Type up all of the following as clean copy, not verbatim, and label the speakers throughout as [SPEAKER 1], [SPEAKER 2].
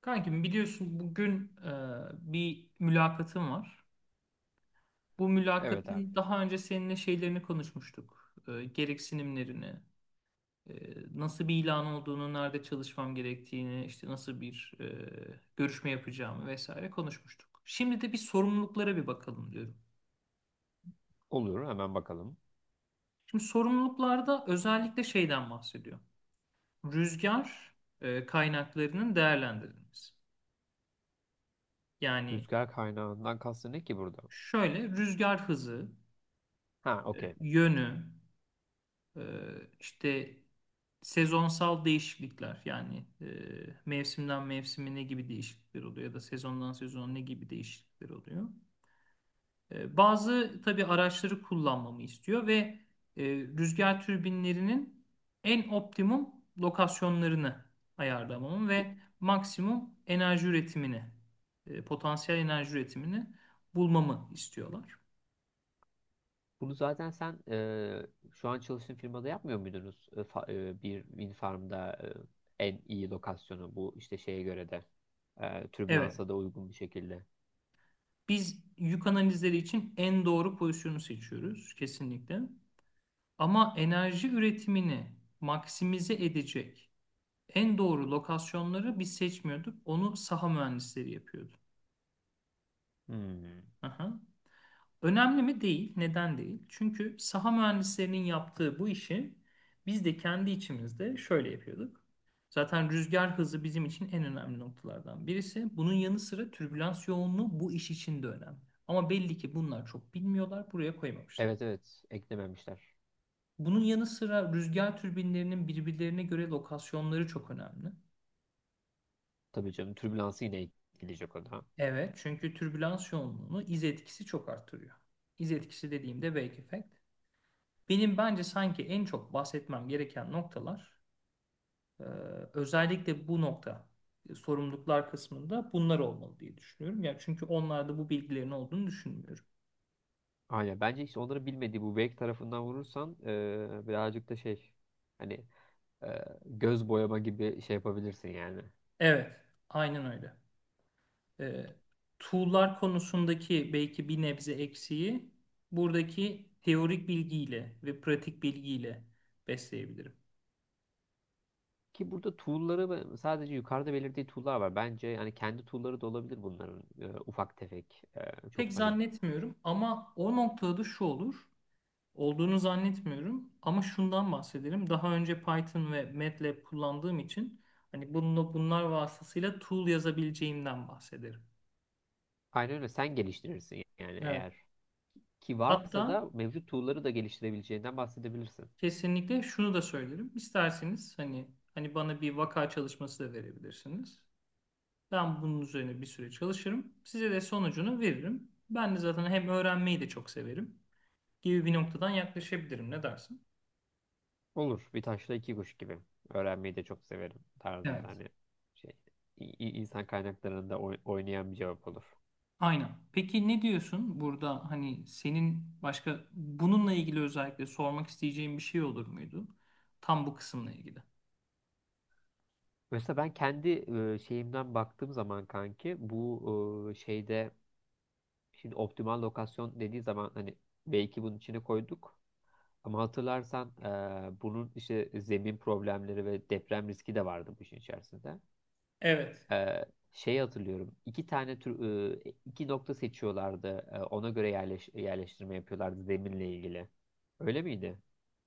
[SPEAKER 1] Kankim biliyorsun bugün bir mülakatım var. Bu
[SPEAKER 2] Evet abi.
[SPEAKER 1] mülakatın daha önce seninle şeylerini konuşmuştuk. Gereksinimlerini, e, nasıl bir ilan olduğunu, nerede çalışmam gerektiğini, işte nasıl bir görüşme yapacağımı vesaire konuşmuştuk. Şimdi de bir sorumluluklara bir bakalım diyorum.
[SPEAKER 2] Olur hemen bakalım.
[SPEAKER 1] Şimdi sorumluluklarda özellikle şeyden bahsediyor. Rüzgar kaynaklarının değerlendirilmesi. Yani
[SPEAKER 2] Rüzgar kaynağından kastın ne ki burada?
[SPEAKER 1] şöyle rüzgar hızı,
[SPEAKER 2] Ha, okey.
[SPEAKER 1] yönü, Ee, işte sezonsal değişiklikler, yani mevsimden mevsime ne gibi değişiklikler oluyor ya da sezondan sezona ne gibi değişiklikler oluyor. Bazı tabii araçları kullanmamı istiyor ve e, rüzgar türbinlerinin en optimum lokasyonlarını ayarlamamı
[SPEAKER 2] Bu-
[SPEAKER 1] ve maksimum enerji üretimini, potansiyel enerji üretimini bulmamı istiyorlar.
[SPEAKER 2] Bunu zaten sen şu an çalıştığın firmada yapmıyor muydunuz? Bir wind farm'da en iyi lokasyonu bu işte şeye göre de
[SPEAKER 1] Evet.
[SPEAKER 2] türbülansa da uygun bir şekilde.
[SPEAKER 1] Biz yük analizleri için en doğru pozisyonu seçiyoruz kesinlikle. Ama enerji üretimini maksimize edecek en doğru lokasyonları biz seçmiyorduk. Onu saha mühendisleri yapıyordu.
[SPEAKER 2] Hmm.
[SPEAKER 1] Aha. Önemli mi? Değil. Neden değil? Çünkü saha mühendislerinin yaptığı bu işi biz de kendi içimizde şöyle yapıyorduk. Zaten rüzgar hızı bizim için en önemli noktalardan birisi. Bunun yanı sıra türbülans yoğunluğu bu iş için de önemli. Ama belli ki bunlar çok bilmiyorlar, buraya koymamışlar.
[SPEAKER 2] Evet, evet, eklememişler.
[SPEAKER 1] Bunun yanı sıra rüzgar türbinlerinin birbirlerine göre lokasyonları çok önemli.
[SPEAKER 2] Tabii canım, türbülansı yine ekleyecek o da.
[SPEAKER 1] Evet, çünkü türbülans yoğunluğunu iz etkisi çok arttırıyor. İz etkisi dediğimde wake effect. Benim bence sanki en çok bahsetmem gereken noktalar, e, özellikle bu nokta, sorumluluklar kısmında bunlar olmalı diye düşünüyorum. Yani çünkü onlarda bu bilgilerin olduğunu düşünmüyorum.
[SPEAKER 2] Aynen, bence işte onları bilmediği bu wake tarafından vurursan birazcık da şey, hani e, göz boyama gibi şey yapabilirsin yani.
[SPEAKER 1] Evet, aynen öyle. E, Tool'lar konusundaki belki bir nebze eksiği buradaki teorik bilgiyle ve pratik bilgiyle besleyebilirim.
[SPEAKER 2] Ki burada tool'ları sadece yukarıda belirttiği tool'lar var. Bence yani kendi tool'ları da olabilir bunların ufak tefek. Çok
[SPEAKER 1] Pek
[SPEAKER 2] hani,
[SPEAKER 1] zannetmiyorum ama o noktada şu olur. Olduğunu zannetmiyorum ama şundan bahsedelim. Daha önce Python ve MATLAB kullandığım için hani bununla bunlar vasıtasıyla tool yazabileceğimden bahsederim.
[SPEAKER 2] aynen öyle, sen geliştirirsin yani,
[SPEAKER 1] Evet.
[SPEAKER 2] eğer ki varsa
[SPEAKER 1] Hatta
[SPEAKER 2] da mevcut tool'ları da geliştirebileceğinden bahsedebilirsin.
[SPEAKER 1] kesinlikle şunu da söylerim. İsterseniz hani bana bir vaka çalışması da verebilirsiniz. Ben bunun üzerine bir süre çalışırım. Size de sonucunu veririm. Ben de zaten hem öğrenmeyi de çok severim gibi bir noktadan yaklaşabilirim. Ne dersin?
[SPEAKER 2] Olur. Bir taşla iki kuş gibi. Öğrenmeyi de çok severim tarzında,
[SPEAKER 1] Evet.
[SPEAKER 2] hani şey, insan kaynaklarında oynayan bir cevap olur.
[SPEAKER 1] Aynen. Peki ne diyorsun burada, hani senin başka bununla ilgili özellikle sormak isteyeceğin bir şey olur muydu? Tam bu kısımla ilgili.
[SPEAKER 2] Mesela ben kendi şeyimden baktığım zaman kanki bu şeyde, şimdi optimal lokasyon dediği zaman hani belki bunun içine koyduk. Ama hatırlarsan bunun işte zemin problemleri ve deprem riski de vardı bu işin içerisinde.
[SPEAKER 1] Evet.
[SPEAKER 2] E, Şey hatırlıyorum. İki nokta seçiyorlardı. Ona göre yerleştirme yapıyorlardı zeminle ilgili. Öyle miydi?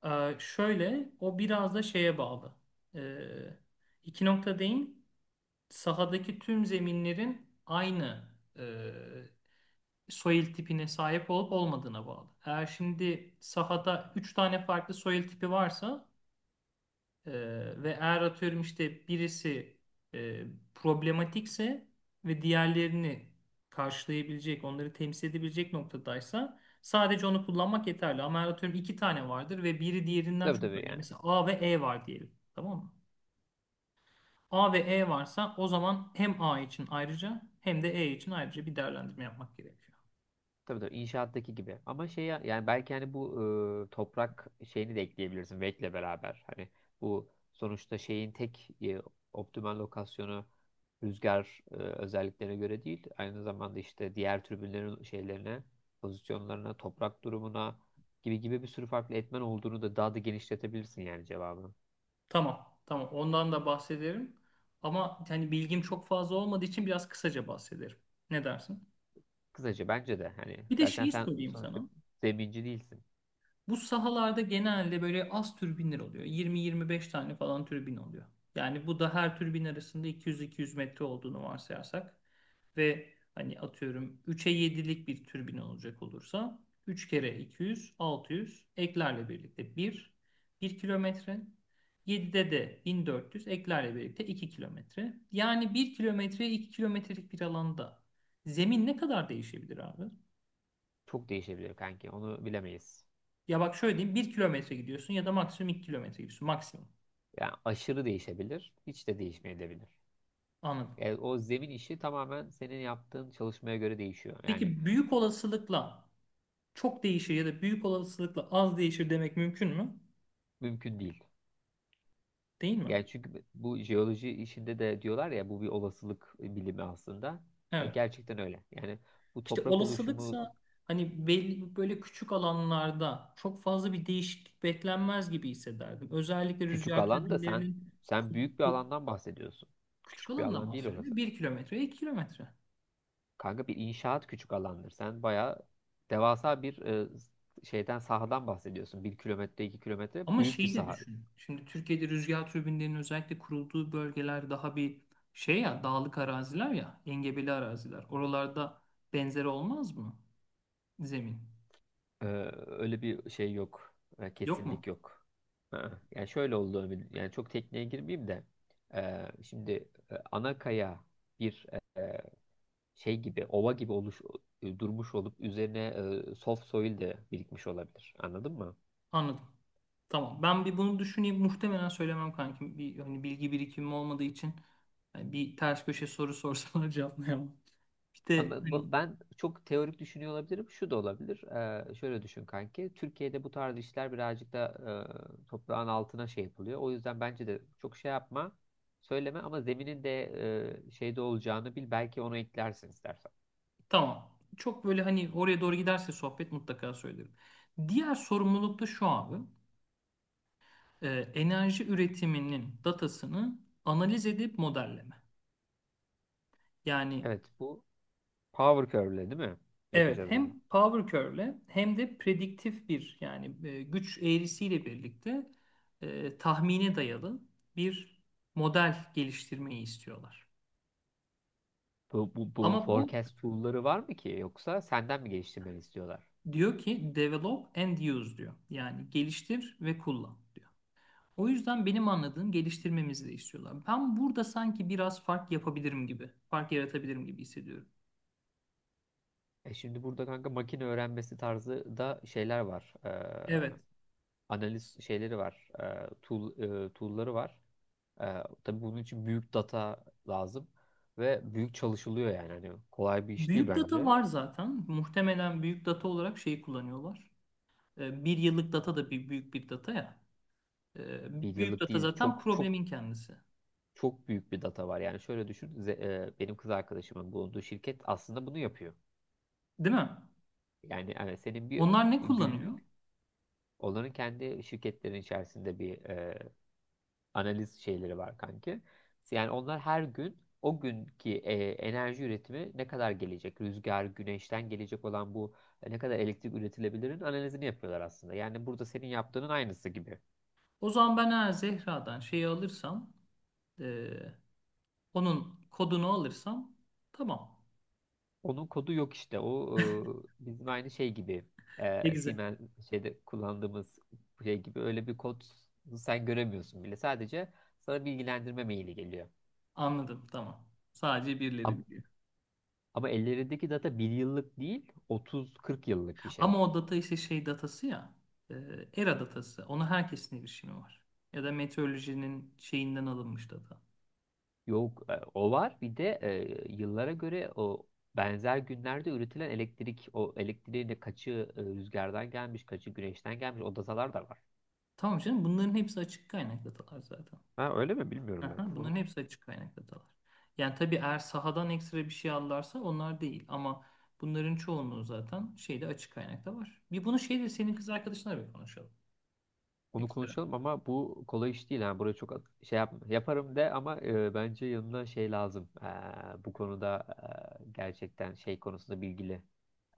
[SPEAKER 1] Şöyle, o biraz da şeye bağlı. Ee, iki nokta değil. Sahadaki tüm zeminlerin aynı e, soil tipine sahip olup olmadığına bağlı. Eğer şimdi sahada 3 tane farklı soil tipi varsa, Ee, ve eğer atıyorum işte birisi e, problematikse ve diğerlerini karşılayabilecek, onları temsil edebilecek noktadaysa sadece onu kullanmak yeterli. Ama eğer atıyorum iki tane vardır ve biri diğerinden
[SPEAKER 2] Tabii
[SPEAKER 1] çok
[SPEAKER 2] tabii
[SPEAKER 1] önemli. Yani
[SPEAKER 2] yani.
[SPEAKER 1] mesela A ve E var diyelim. Tamam mı? A ve E varsa o zaman hem A için ayrıca hem de E için ayrıca bir değerlendirme yapmak gerekiyor.
[SPEAKER 2] Tabii tabii, inşaattaki gibi. Ama şey, yani belki hani bu toprak şeyini de ekleyebilirsin Wake'le beraber. Hani bu sonuçta şeyin tek optimal lokasyonu rüzgar özelliklerine göre değil. Aynı zamanda işte diğer tribünlerin şeylerine, pozisyonlarına, toprak durumuna gibi gibi bir sürü farklı etmen olduğunu da daha da genişletebilirsin yani cevabını.
[SPEAKER 1] Tamam, tamam. Ondan da bahsederim. Ama hani bilgim çok fazla olmadığı için biraz kısaca bahsederim. Ne dersin?
[SPEAKER 2] Kısaca, bence de hani
[SPEAKER 1] Bir de
[SPEAKER 2] zaten
[SPEAKER 1] şeyi
[SPEAKER 2] sen
[SPEAKER 1] sorayım
[SPEAKER 2] sonuçta
[SPEAKER 1] sana.
[SPEAKER 2] zeminci değilsin.
[SPEAKER 1] Bu sahalarda genelde böyle az türbinler oluyor. 20-25 tane falan türbin oluyor. Yani bu da her türbin arasında 200-200 metre olduğunu varsayarsak ve hani atıyorum 3'e 7'lik bir türbin olacak olursa, 3 kere 200, 600, eklerle birlikte 1, 1 kilometre. 7'de de 1400, eklerle birlikte 2 kilometre. Yani 1 kilometre 2 kilometrelik bir alanda zemin ne kadar değişebilir abi?
[SPEAKER 2] Çok değişebilir kanki. Onu bilemeyiz.
[SPEAKER 1] Ya bak şöyle diyeyim, bir kilometre gidiyorsun ya da maksimum iki kilometre gidiyorsun. Maksimum.
[SPEAKER 2] Yani aşırı değişebilir, hiç de değişmeyebilir.
[SPEAKER 1] Anladım.
[SPEAKER 2] Yani o zemin işi tamamen senin yaptığın çalışmaya göre değişiyor. Yani
[SPEAKER 1] Peki büyük olasılıkla çok değişir ya da büyük olasılıkla az değişir demek mümkün mü?
[SPEAKER 2] mümkün değil.
[SPEAKER 1] Değil mi?
[SPEAKER 2] Yani çünkü bu jeoloji işinde de diyorlar ya, bu bir olasılık bilimi aslında.
[SPEAKER 1] Evet.
[SPEAKER 2] Gerçekten öyle. Yani bu
[SPEAKER 1] İşte
[SPEAKER 2] toprak oluşumu,
[SPEAKER 1] olasılıksa hani belli, böyle küçük alanlarda çok fazla bir değişiklik beklenmez gibi hissederdim. Özellikle
[SPEAKER 2] küçük
[SPEAKER 1] rüzgar
[SPEAKER 2] alanda sen
[SPEAKER 1] türbinlerinin
[SPEAKER 2] sen büyük bir alandan bahsediyorsun.
[SPEAKER 1] küçük
[SPEAKER 2] Küçük bir
[SPEAKER 1] alandan
[SPEAKER 2] alan değil
[SPEAKER 1] bahsediyorum.
[SPEAKER 2] orası.
[SPEAKER 1] Bir kilometre, 2 kilometre.
[SPEAKER 2] Kanka, bir inşaat küçük alandır. Sen bayağı devasa bir şeyden, sahadan bahsediyorsun. 1 kilometre, 2 kilometre
[SPEAKER 1] Ama
[SPEAKER 2] büyük bir
[SPEAKER 1] şeyi de
[SPEAKER 2] saha.
[SPEAKER 1] düşün. Şimdi Türkiye'de rüzgar türbinlerinin özellikle kurulduğu bölgeler daha bir şey, ya dağlık araziler ya engebeli araziler. Oralarda benzeri olmaz mı zemin?
[SPEAKER 2] Ee, Öyle bir şey yok.
[SPEAKER 1] Yok mu?
[SPEAKER 2] Kesinlik yok. Ha, yani şöyle oldu. Ömür, yani çok tekniğe girmeyeyim de. Şimdi ana kaya bir e, şey gibi, ova gibi durmuş olup üzerine soft soil de birikmiş olabilir. Anladın mı?
[SPEAKER 1] Anladım. Tamam. Ben bir bunu düşüneyim. Muhtemelen söylemem kankim. Bir hani bilgi birikimim olmadığı için hani bir ters köşe soru sorsalar cevaplayamam. Bir de
[SPEAKER 2] Ama
[SPEAKER 1] hani
[SPEAKER 2] ben çok teorik düşünüyor olabilirim. Şu da olabilir. Şöyle düşün kanki. Türkiye'de bu tarz işler birazcık da toprağın altına şey yapılıyor. O yüzden bence de çok şey yapma, söyleme, ama zeminin de şeyde olacağını bil. Belki onu eklersin istersen.
[SPEAKER 1] tamam. Çok böyle hani oraya doğru giderse sohbet, mutlaka söylerim. Diğer sorumluluk da şu abi. e, Enerji üretiminin datasını analiz edip modelleme. Yani
[SPEAKER 2] Evet, bu power curve'le değil mi?
[SPEAKER 1] evet,
[SPEAKER 2] Yapacağız bunu.
[SPEAKER 1] hem power curve'le hem de prediktif bir, yani güç eğrisiyle birlikte tahmine dayalı bir model geliştirmeyi istiyorlar.
[SPEAKER 2] Bu
[SPEAKER 1] Ama bu
[SPEAKER 2] forecast tool'ları var mı ki? Yoksa senden mi geliştirmeni istiyorlar?
[SPEAKER 1] diyor ki develop and use diyor. Yani geliştir ve kullan diyor. O yüzden benim anladığım geliştirmemizi de istiyorlar. Ben burada sanki biraz fark yapabilirim gibi, fark yaratabilirim gibi hissediyorum.
[SPEAKER 2] Şimdi burada kanka, makine öğrenmesi tarzı da şeyler var.
[SPEAKER 1] Evet.
[SPEAKER 2] Analiz şeyleri var. Tool'ları var. E, tabii bunun için büyük data lazım ve büyük çalışılıyor yani. Hani kolay bir iş değil
[SPEAKER 1] Büyük data
[SPEAKER 2] bence.
[SPEAKER 1] var zaten. Muhtemelen büyük data olarak şeyi kullanıyorlar. Bir yıllık data da bir büyük bir data ya.
[SPEAKER 2] Bir
[SPEAKER 1] Büyük
[SPEAKER 2] yıllık
[SPEAKER 1] data
[SPEAKER 2] değil.
[SPEAKER 1] zaten
[SPEAKER 2] Çok çok
[SPEAKER 1] problemin kendisi.
[SPEAKER 2] çok büyük bir data var. Yani şöyle düşün. Benim kız arkadaşımın bulunduğu şirket aslında bunu yapıyor.
[SPEAKER 1] Değil mi?
[SPEAKER 2] Yani evet, senin bir
[SPEAKER 1] Onlar ne kullanıyor?
[SPEAKER 2] günlük, onların kendi şirketlerin içerisinde bir analiz şeyleri var kanki. Yani onlar her gün o günkü enerji üretimi ne kadar gelecek? Rüzgar, güneşten gelecek olan bu ne kadar elektrik üretilebilirin analizini yapıyorlar aslında. Yani burada senin yaptığının aynısı gibi.
[SPEAKER 1] O zaman ben eğer Zehra'dan şeyi alırsam, e, onun kodunu alırsam tamam.
[SPEAKER 2] Onun kodu yok işte. O, bizim aynı şey gibi.
[SPEAKER 1] Ne güzel.
[SPEAKER 2] Siemens şeyde kullandığımız şey gibi, öyle bir kod sen göremiyorsun bile. Sadece sana bilgilendirme maili geliyor.
[SPEAKER 1] Anladım, tamam. Sadece birileri
[SPEAKER 2] Ama,
[SPEAKER 1] biliyor.
[SPEAKER 2] ama ellerindeki data bir yıllık değil, 30-40 yıllık bir
[SPEAKER 1] Ama
[SPEAKER 2] şey.
[SPEAKER 1] o data işte şey datası ya, e, ERA datası. Ona herkesin erişimi var. Ya da meteorolojinin şeyinden alınmış data.
[SPEAKER 2] Yok, o var. Bir de yıllara göre o benzer günlerde üretilen elektrik, o elektriğin de kaçı rüzgardan gelmiş, kaçı güneşten gelmiş, o datalar da var.
[SPEAKER 1] Tamam canım, bunların hepsi açık kaynak datalar zaten.
[SPEAKER 2] Ha, öyle mi, bilmiyorum ben.
[SPEAKER 1] Aha, bunların
[SPEAKER 2] Tamam.
[SPEAKER 1] hepsi açık kaynak datalar. Yani tabii eğer sahadan ekstra bir şey alırlarsa onlar değil, ama bunların çoğunluğu zaten şeyde, açık kaynakta var. Bir bunu şeyde, senin kız arkadaşına bir konuşalım
[SPEAKER 2] Onu
[SPEAKER 1] ekstra.
[SPEAKER 2] konuşalım, ama bu kolay iş değil. Yani buraya çok şey yapma. Yaparım de, ama bence yanına şey lazım. Bu konuda gerçekten şey konusunda bilgili.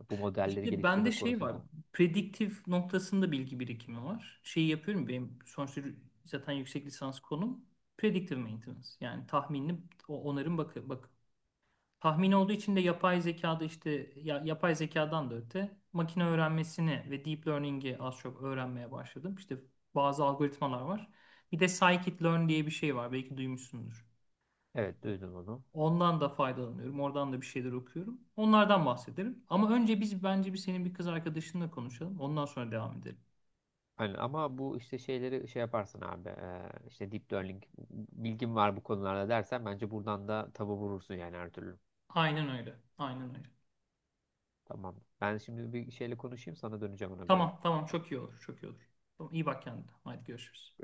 [SPEAKER 2] Bu modelleri
[SPEAKER 1] İşte
[SPEAKER 2] geliştirme
[SPEAKER 1] bende şey var.
[SPEAKER 2] konusunda.
[SPEAKER 1] Prediktif noktasında bilgi birikimi var. Şeyi yapıyorum, benim sonuçta zaten yüksek lisans konum predictive maintenance. Yani tahminli onarım, bak, bak. Tahmin olduğu için de yapay zekada, işte yapay zekadan da öte makine öğrenmesini ve deep learning'i az çok öğrenmeye başladım. İşte bazı algoritmalar var. Bir de scikit-learn diye bir şey var. Belki duymuşsundur.
[SPEAKER 2] Evet, duydum onu.
[SPEAKER 1] Ondan da faydalanıyorum. Oradan da bir şeyler okuyorum. Onlardan bahsederim. Ama önce biz bence bir, senin bir kız arkadaşınla konuşalım. Ondan sonra devam edelim.
[SPEAKER 2] Aynen. Ama bu işte şeyleri şey yaparsın abi, işte deep learning bilgim var bu konularda dersen, bence buradan da tabu vurursun yani her türlü.
[SPEAKER 1] Aynen öyle. Aynen öyle.
[SPEAKER 2] Tamam. Ben şimdi bir şeyle konuşayım, sana döneceğim ona göre.
[SPEAKER 1] Tamam, tamam. Çok iyi olur. Çok iyi olur. Tamam, iyi bak kendine. Haydi görüşürüz.